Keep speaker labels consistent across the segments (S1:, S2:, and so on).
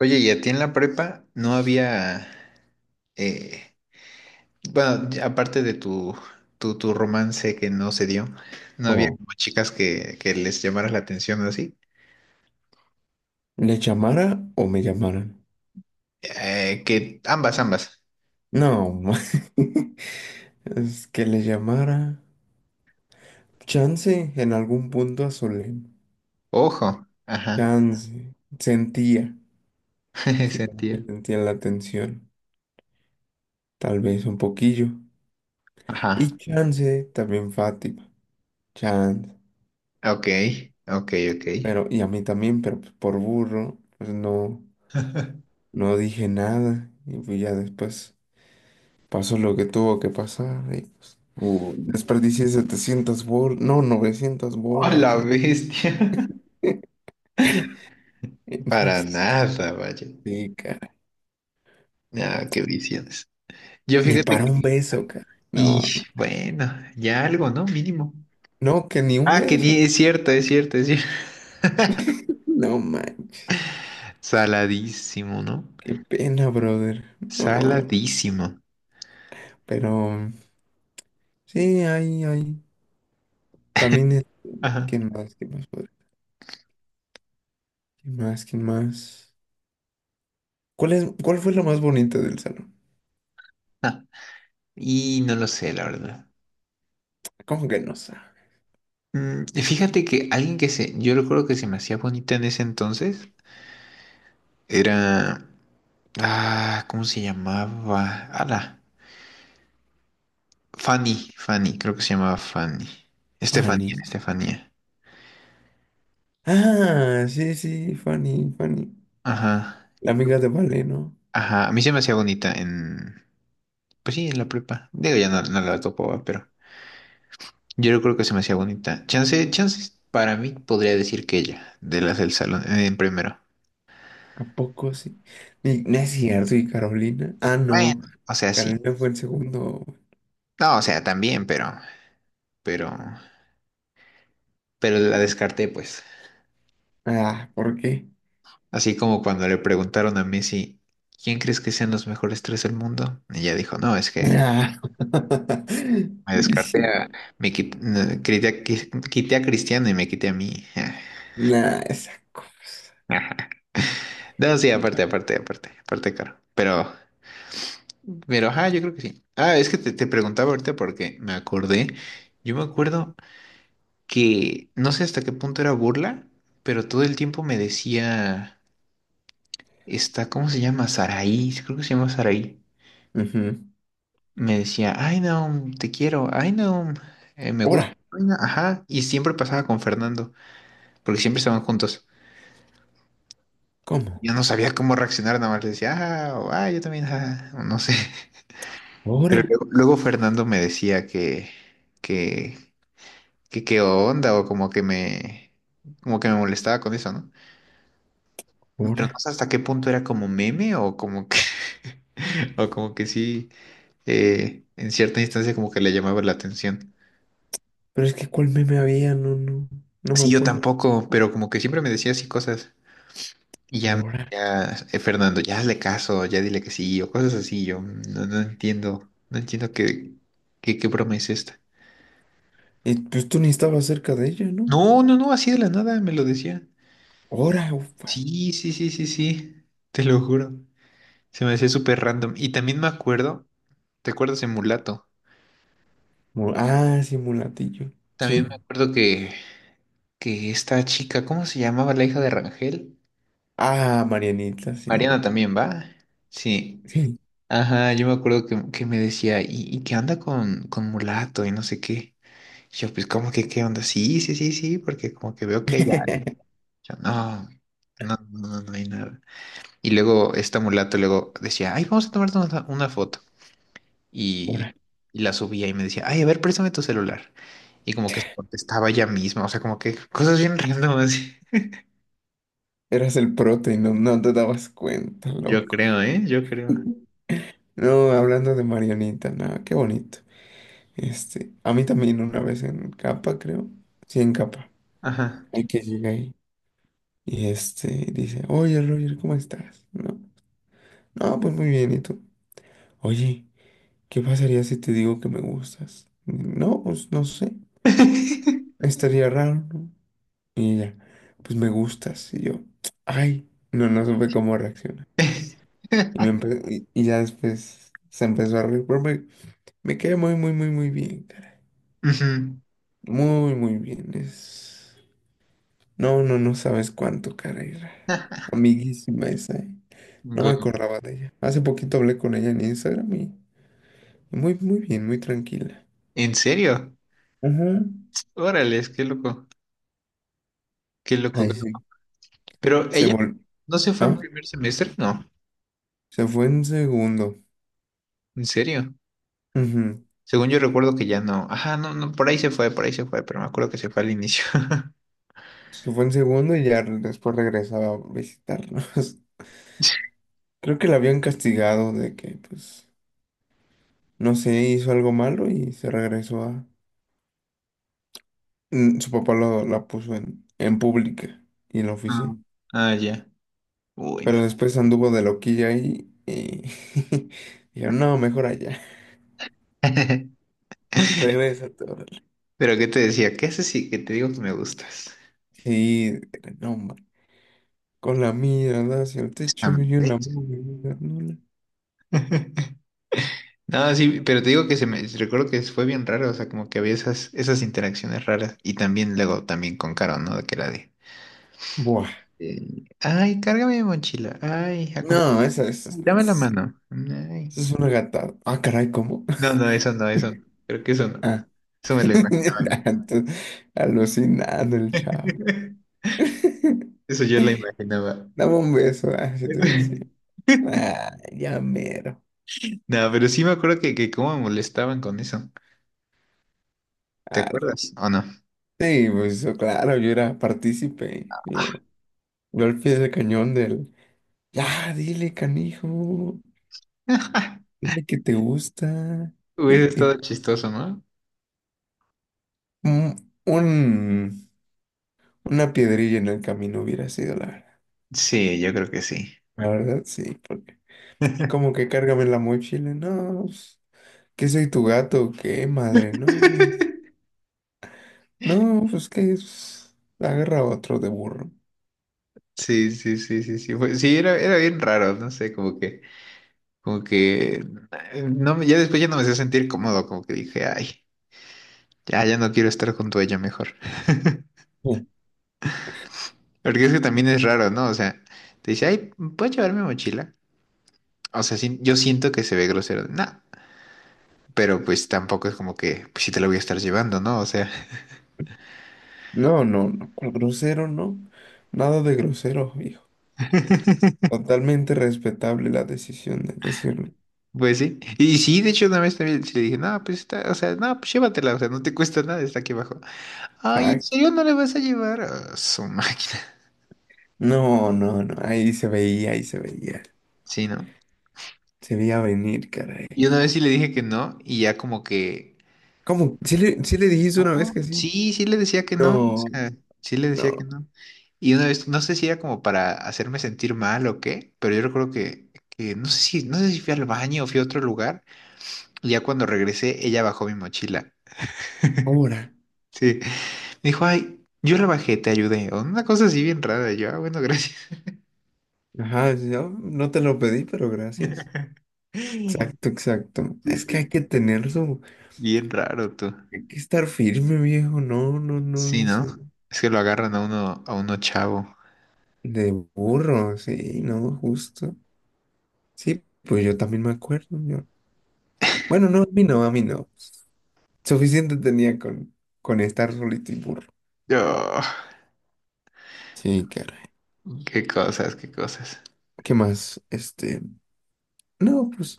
S1: Oye, ¿y a ti en la prepa no había, eh, bueno, ya aparte de tu romance que no se dio, no había
S2: O
S1: como chicas que les llamaras la atención o así?
S2: le llamara o me llamaran.
S1: Que ambas, ambas.
S2: No, es que le llamara. Chance en algún punto a Solem.
S1: Ojo, ajá.
S2: Chance. Sentía. Así como que
S1: Sentí.
S2: sentía la tensión. Tal vez un poquillo.
S1: Ajá,
S2: Y chance también Fátima. Chance.
S1: ok, ok, ok.
S2: Pero, y a mí también, pero pues por burro, pues no, no dije nada. Y pues ya después pasó lo que tuvo que pasar. Y pues
S1: No.
S2: desperdicié 700 bolas. No, 900
S1: ¡Oh, la
S2: bolas.
S1: bestia! Para nada, vaya.
S2: Sí, cara.
S1: Ah, qué visiones. Yo,
S2: Ni
S1: fíjate
S2: para un
S1: que,
S2: beso, cara. No,
S1: y
S2: no,
S1: bueno, ya algo, ¿no? Mínimo.
S2: no, que ni un
S1: Ah,
S2: beso.
S1: es cierto, es cierto, es cierto.
S2: No manches.
S1: Saladísimo, ¿no?
S2: Qué pena, brother. No, no.
S1: Saladísimo.
S2: Pero sí, hay, hay. También es.
S1: Ajá.
S2: ¿Quién más? ¿Quién más, brother? ¿Quién más? ¿Quién más? ¿Cuál fue lo más bonito del salón?
S1: Ah, y no lo sé, la verdad.
S2: ¿Cómo que no sabe?
S1: Fíjate que alguien yo recuerdo que se me hacía bonita en ese entonces, era, ¿cómo se llamaba? Ala, Fanny, Fanny, creo que se llamaba Fanny. Estefanía,
S2: Fanny.
S1: Estefanía.
S2: Ah, sí, sí, Fanny, Fanny.
S1: Ajá,
S2: La amiga de Vale, ¿no?
S1: ajá, a mí se me hacía bonita en, pues sí, en la prepa. Digo, ya no, no la topo, ¿va? Pero. Yo no creo que se me hacía bonita. Chance, chances, para mí podría decir que ella, de las del salón, en primero.
S2: ¿A poco sí? No es cierto, ¿y Carolina? Ah, no.
S1: Bueno, o sea, sí.
S2: Carolina fue el segundo.
S1: No, o sea, también, pero, pero, pero la descarté, pues.
S2: Ah, ¿por qué?
S1: Así como cuando le preguntaron a Messi, ¿quién crees que sean los mejores tres del mundo? Y ella dijo, no, es que
S2: Ah,
S1: me descarté
S2: sí.
S1: a, me quit- no, quité a Cristiano y me quité a mí.
S2: Nah, esa cosa.
S1: No, sí, aparte, aparte, aparte, aparte, claro. Pero, ajá, yo creo que sí. Ah, es que te preguntaba ahorita porque me acordé. Yo me acuerdo que no sé hasta qué punto era burla, pero todo el tiempo me decía, está, ¿cómo se llama? Saraí, creo que se llama Saraí.
S2: Ujú.
S1: Me decía, ay, no, te quiero, ay, no, me gusta.
S2: Ora,
S1: Ay, Naum". Ajá, y siempre pasaba con Fernando, porque siempre estaban juntos.
S2: ¿cómo?
S1: Yo no sabía cómo reaccionar, nada más le decía, ah, o, "Ah, yo también, ah", o no sé. Pero
S2: Ora,
S1: luego Fernando me decía que, que qué onda o como que me molestaba con eso, ¿no? Pero no
S2: ora.
S1: sé hasta qué punto era como meme o como que o como que sí, en cierta instancia como que le llamaba la atención.
S2: Pero es que ¿cuál meme había? No, no, no me
S1: Sí, yo
S2: acuerdo.
S1: tampoco, pero como que siempre me decía así cosas y ya
S2: Ora.
S1: ya, Fernando, ya hazle caso, ya dile que sí o cosas así, yo no, no entiendo, no entiendo qué broma es esta.
S2: Pues tú ni estabas cerca de ella, ¿no?
S1: No, no, no, así de la nada me lo decía.
S2: Ora, ufa.
S1: Sí, sí, sí, sí, sí, te lo juro. Se me hacía súper random. Y también me acuerdo, ¿te acuerdas de Mulato?
S2: Ah, sí, mulatillo. Sí.
S1: También me acuerdo que esta chica, ¿cómo se llamaba la hija de Rangel?
S2: Ah, Marianita,
S1: Mariana
S2: sí.
S1: también, ¿va? Sí.
S2: Sí.
S1: Ajá, yo me acuerdo que me decía, ¿y qué onda con Mulato? Y no sé qué. Y yo, pues, ¿cómo que qué onda? Sí, sí, sí, sí, porque como que veo que hay algo. Yo, no, no, no, no, no hay nada. Y luego esta Mulato luego decía, ay, vamos a tomar una foto. y,
S2: Ora.
S1: y la subía y me decía, ay, a ver, préstame tu celular. Y como que se contestaba ella misma, o sea, como que cosas bien random así.
S2: Eras el prota y no te dabas cuenta,
S1: Yo
S2: loco.
S1: creo, ¿eh? Yo creo.
S2: No, hablando de Marianita, nada. Qué bonito. Este, a mí también una vez en Capa, creo. Sí, en Capa.
S1: Ajá.
S2: Hay que llega ahí. Y este dice, oye Roger, ¿cómo estás? No, no, pues muy bien, ¿y tú? Oye, ¿qué pasaría si te digo que me gustas? No, pues no sé. Estaría raro, ¿no? Y ella, pues me gustas. Y yo, ay, no, no supe cómo reaccionar. Y ya después se empezó a reír, pero me quedé muy, muy, muy, muy bien, caray.
S1: Ujú.
S2: Muy, muy bien. Es. No, no, no sabes cuánto, caray. Amiguísima esa, ¿eh? No me
S1: Guau.
S2: acordaba de ella. Hace poquito hablé con ella en Instagram y muy, muy bien, muy tranquila.
S1: ¿En serio?
S2: Ajá.
S1: Órale, qué loco, qué loco.
S2: Ay, sí.
S1: Pero
S2: Se
S1: ella
S2: vol...
S1: no se fue en
S2: Ah,
S1: primer semestre, no,
S2: se fue en segundo.
S1: en serio.
S2: Ujú.
S1: Según yo recuerdo que ya no. Ajá, no, no, por ahí se fue, por ahí se fue, pero me acuerdo que se fue al inicio.
S2: Se fue en segundo y ya después regresaba a visitarnos. Creo que la habían castigado de que, pues, no sé, hizo algo malo y se regresó a... Su papá la puso en pública y en la
S1: Ah,
S2: oficina.
S1: ah, ya. Uy, no.
S2: Pero después anduvo de loquilla ahí y dijeron, no, mejor allá, regrésate, órale.
S1: Pero ¿qué te decía? ¿Qué haces si que te digo que me gustas?
S2: Sí, no, hombre. Con la mirada hacia el techo y
S1: Am-
S2: una movida nula.
S1: No, sí, pero te digo que se me recuerdo que fue bien raro, o sea, como que había esas interacciones raras. Y también luego también con Caro, ¿no? De que la de,
S2: Buah.
S1: ay, cárgame mi mochila, ay,
S2: No, esa,
S1: dame la mano. Ay.
S2: esa es una gatada. Ah, caray, ¿cómo?
S1: No, no, eso no, eso no. Creo que eso no.
S2: Ah,
S1: Eso me lo imaginaba yo.
S2: entonces, alucinando el chavo.
S1: Eso yo lo imaginaba.
S2: Dame un beso, así te decía. Ah, ya mero.
S1: No, pero sí me acuerdo que cómo me molestaban con eso. ¿Te
S2: Ah,
S1: acuerdas o no?
S2: sí, pues claro, yo era partícipe. Yo al pie del cañón ya, dile, canijo, dile que te gusta.
S1: Hubiese
S2: Y
S1: estado chistoso, ¿no?
S2: un, un- una piedrilla en el camino hubiera sido la verdad.
S1: Sí, yo creo que sí.
S2: La verdad, sí, porque como que cárgame la mochila, no, pues, ¿qué soy tu gato? O ¿qué madre? No, no, no, pues que es, agarra otro de burro.
S1: Sí, sí, sí, sí, sí. Sí, era bien raro, no sé, como que, no, ya después ya no me hacía sentir cómodo, como que dije, ay, ya, ya no quiero estar junto a ella mejor.
S2: Sí.
S1: Porque es que también es raro, ¿no? O sea, te dice, ay, ¿puedo llevar mi mochila? O sea, sí, yo siento que se ve grosero, no, pero pues tampoco es como que, pues sí te la voy a estar llevando, ¿no? O sea.
S2: No, no, no, ¿cuál grosero? No, nada de grosero, hijo. Totalmente respetable la decisión de decirle.
S1: Pues sí. Y sí, de hecho, una vez también sí le dije, no, pues está, o sea, no, pues llévatela, o sea, no te cuesta nada, está aquí abajo. Ay, ¿en serio no la vas a llevar? Ah, su máquina.
S2: No, no, no, ahí se veía, ahí se veía.
S1: Sí, ¿no?
S2: Se veía venir, caray.
S1: Y una vez sí le dije que no, y ya como que,
S2: ¿Cómo? ¿Sí le dijiste una vez
S1: no,
S2: que sí?
S1: sí, sí le decía que no, o
S2: No,
S1: sea, sí le decía que
S2: no,
S1: no. Y una vez, no sé si era como para hacerme sentir mal o qué, pero yo recuerdo que no sé si fui al baño o fui a otro lugar, y ya cuando regresé, ella bajó mi mochila.
S2: ahora.
S1: Sí. Me dijo, ay, yo rebajé, te ayudé. O una cosa así bien rara. Y yo, bueno, gracias.
S2: Ajá, sí, yo no te lo pedí, pero gracias.
S1: Sí,
S2: Exacto, exacto. Es que hay
S1: sí.
S2: que tener su...
S1: Bien raro tú.
S2: Hay que estar firme, viejo. No, no, no,
S1: Sí, ¿no?
S2: eso.
S1: Es que lo agarran a uno, chavo.
S2: De burro, sí, no, justo. Sí, pues yo también me acuerdo, yo. Bueno, no, a mí no, a mí no. Suficiente tenía con estar solito y burro.
S1: Yo,
S2: Sí, caray.
S1: qué cosas, qué cosas.
S2: ¿Qué más? Este, no, pues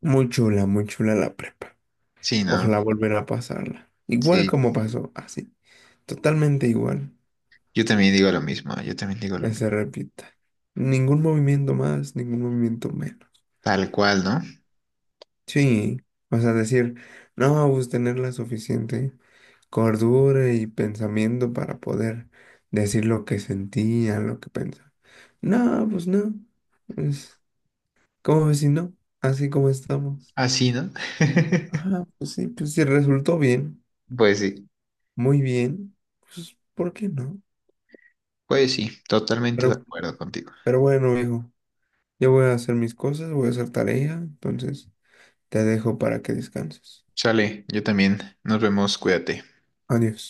S2: muy chula la prepa.
S1: Sí, ¿no?
S2: Ojalá volver a pasarla. Igual
S1: Sí.
S2: como pasó, así. Totalmente igual.
S1: Yo también digo lo mismo, yo también digo lo
S2: Que
S1: mismo.
S2: se repita. Ningún movimiento más, ningún movimiento menos.
S1: Tal cual, ¿no?
S2: Sí, o sea, decir, no, pues tener la suficiente cordura y pensamiento para poder decir lo que sentía, lo que pensaba. No, pues no. Es como si no, así como estamos.
S1: Así, ¿no?
S2: Ajá, pues sí, resultó bien,
S1: Pues sí,
S2: muy bien, pues ¿por qué no?
S1: pues sí, totalmente de
S2: Pero,
S1: acuerdo contigo.
S2: pero bueno, hijo, yo voy a hacer mis cosas, voy a hacer tarea, entonces te dejo para que descanses.
S1: Sale, yo también. Nos vemos, cuídate.
S2: Adiós.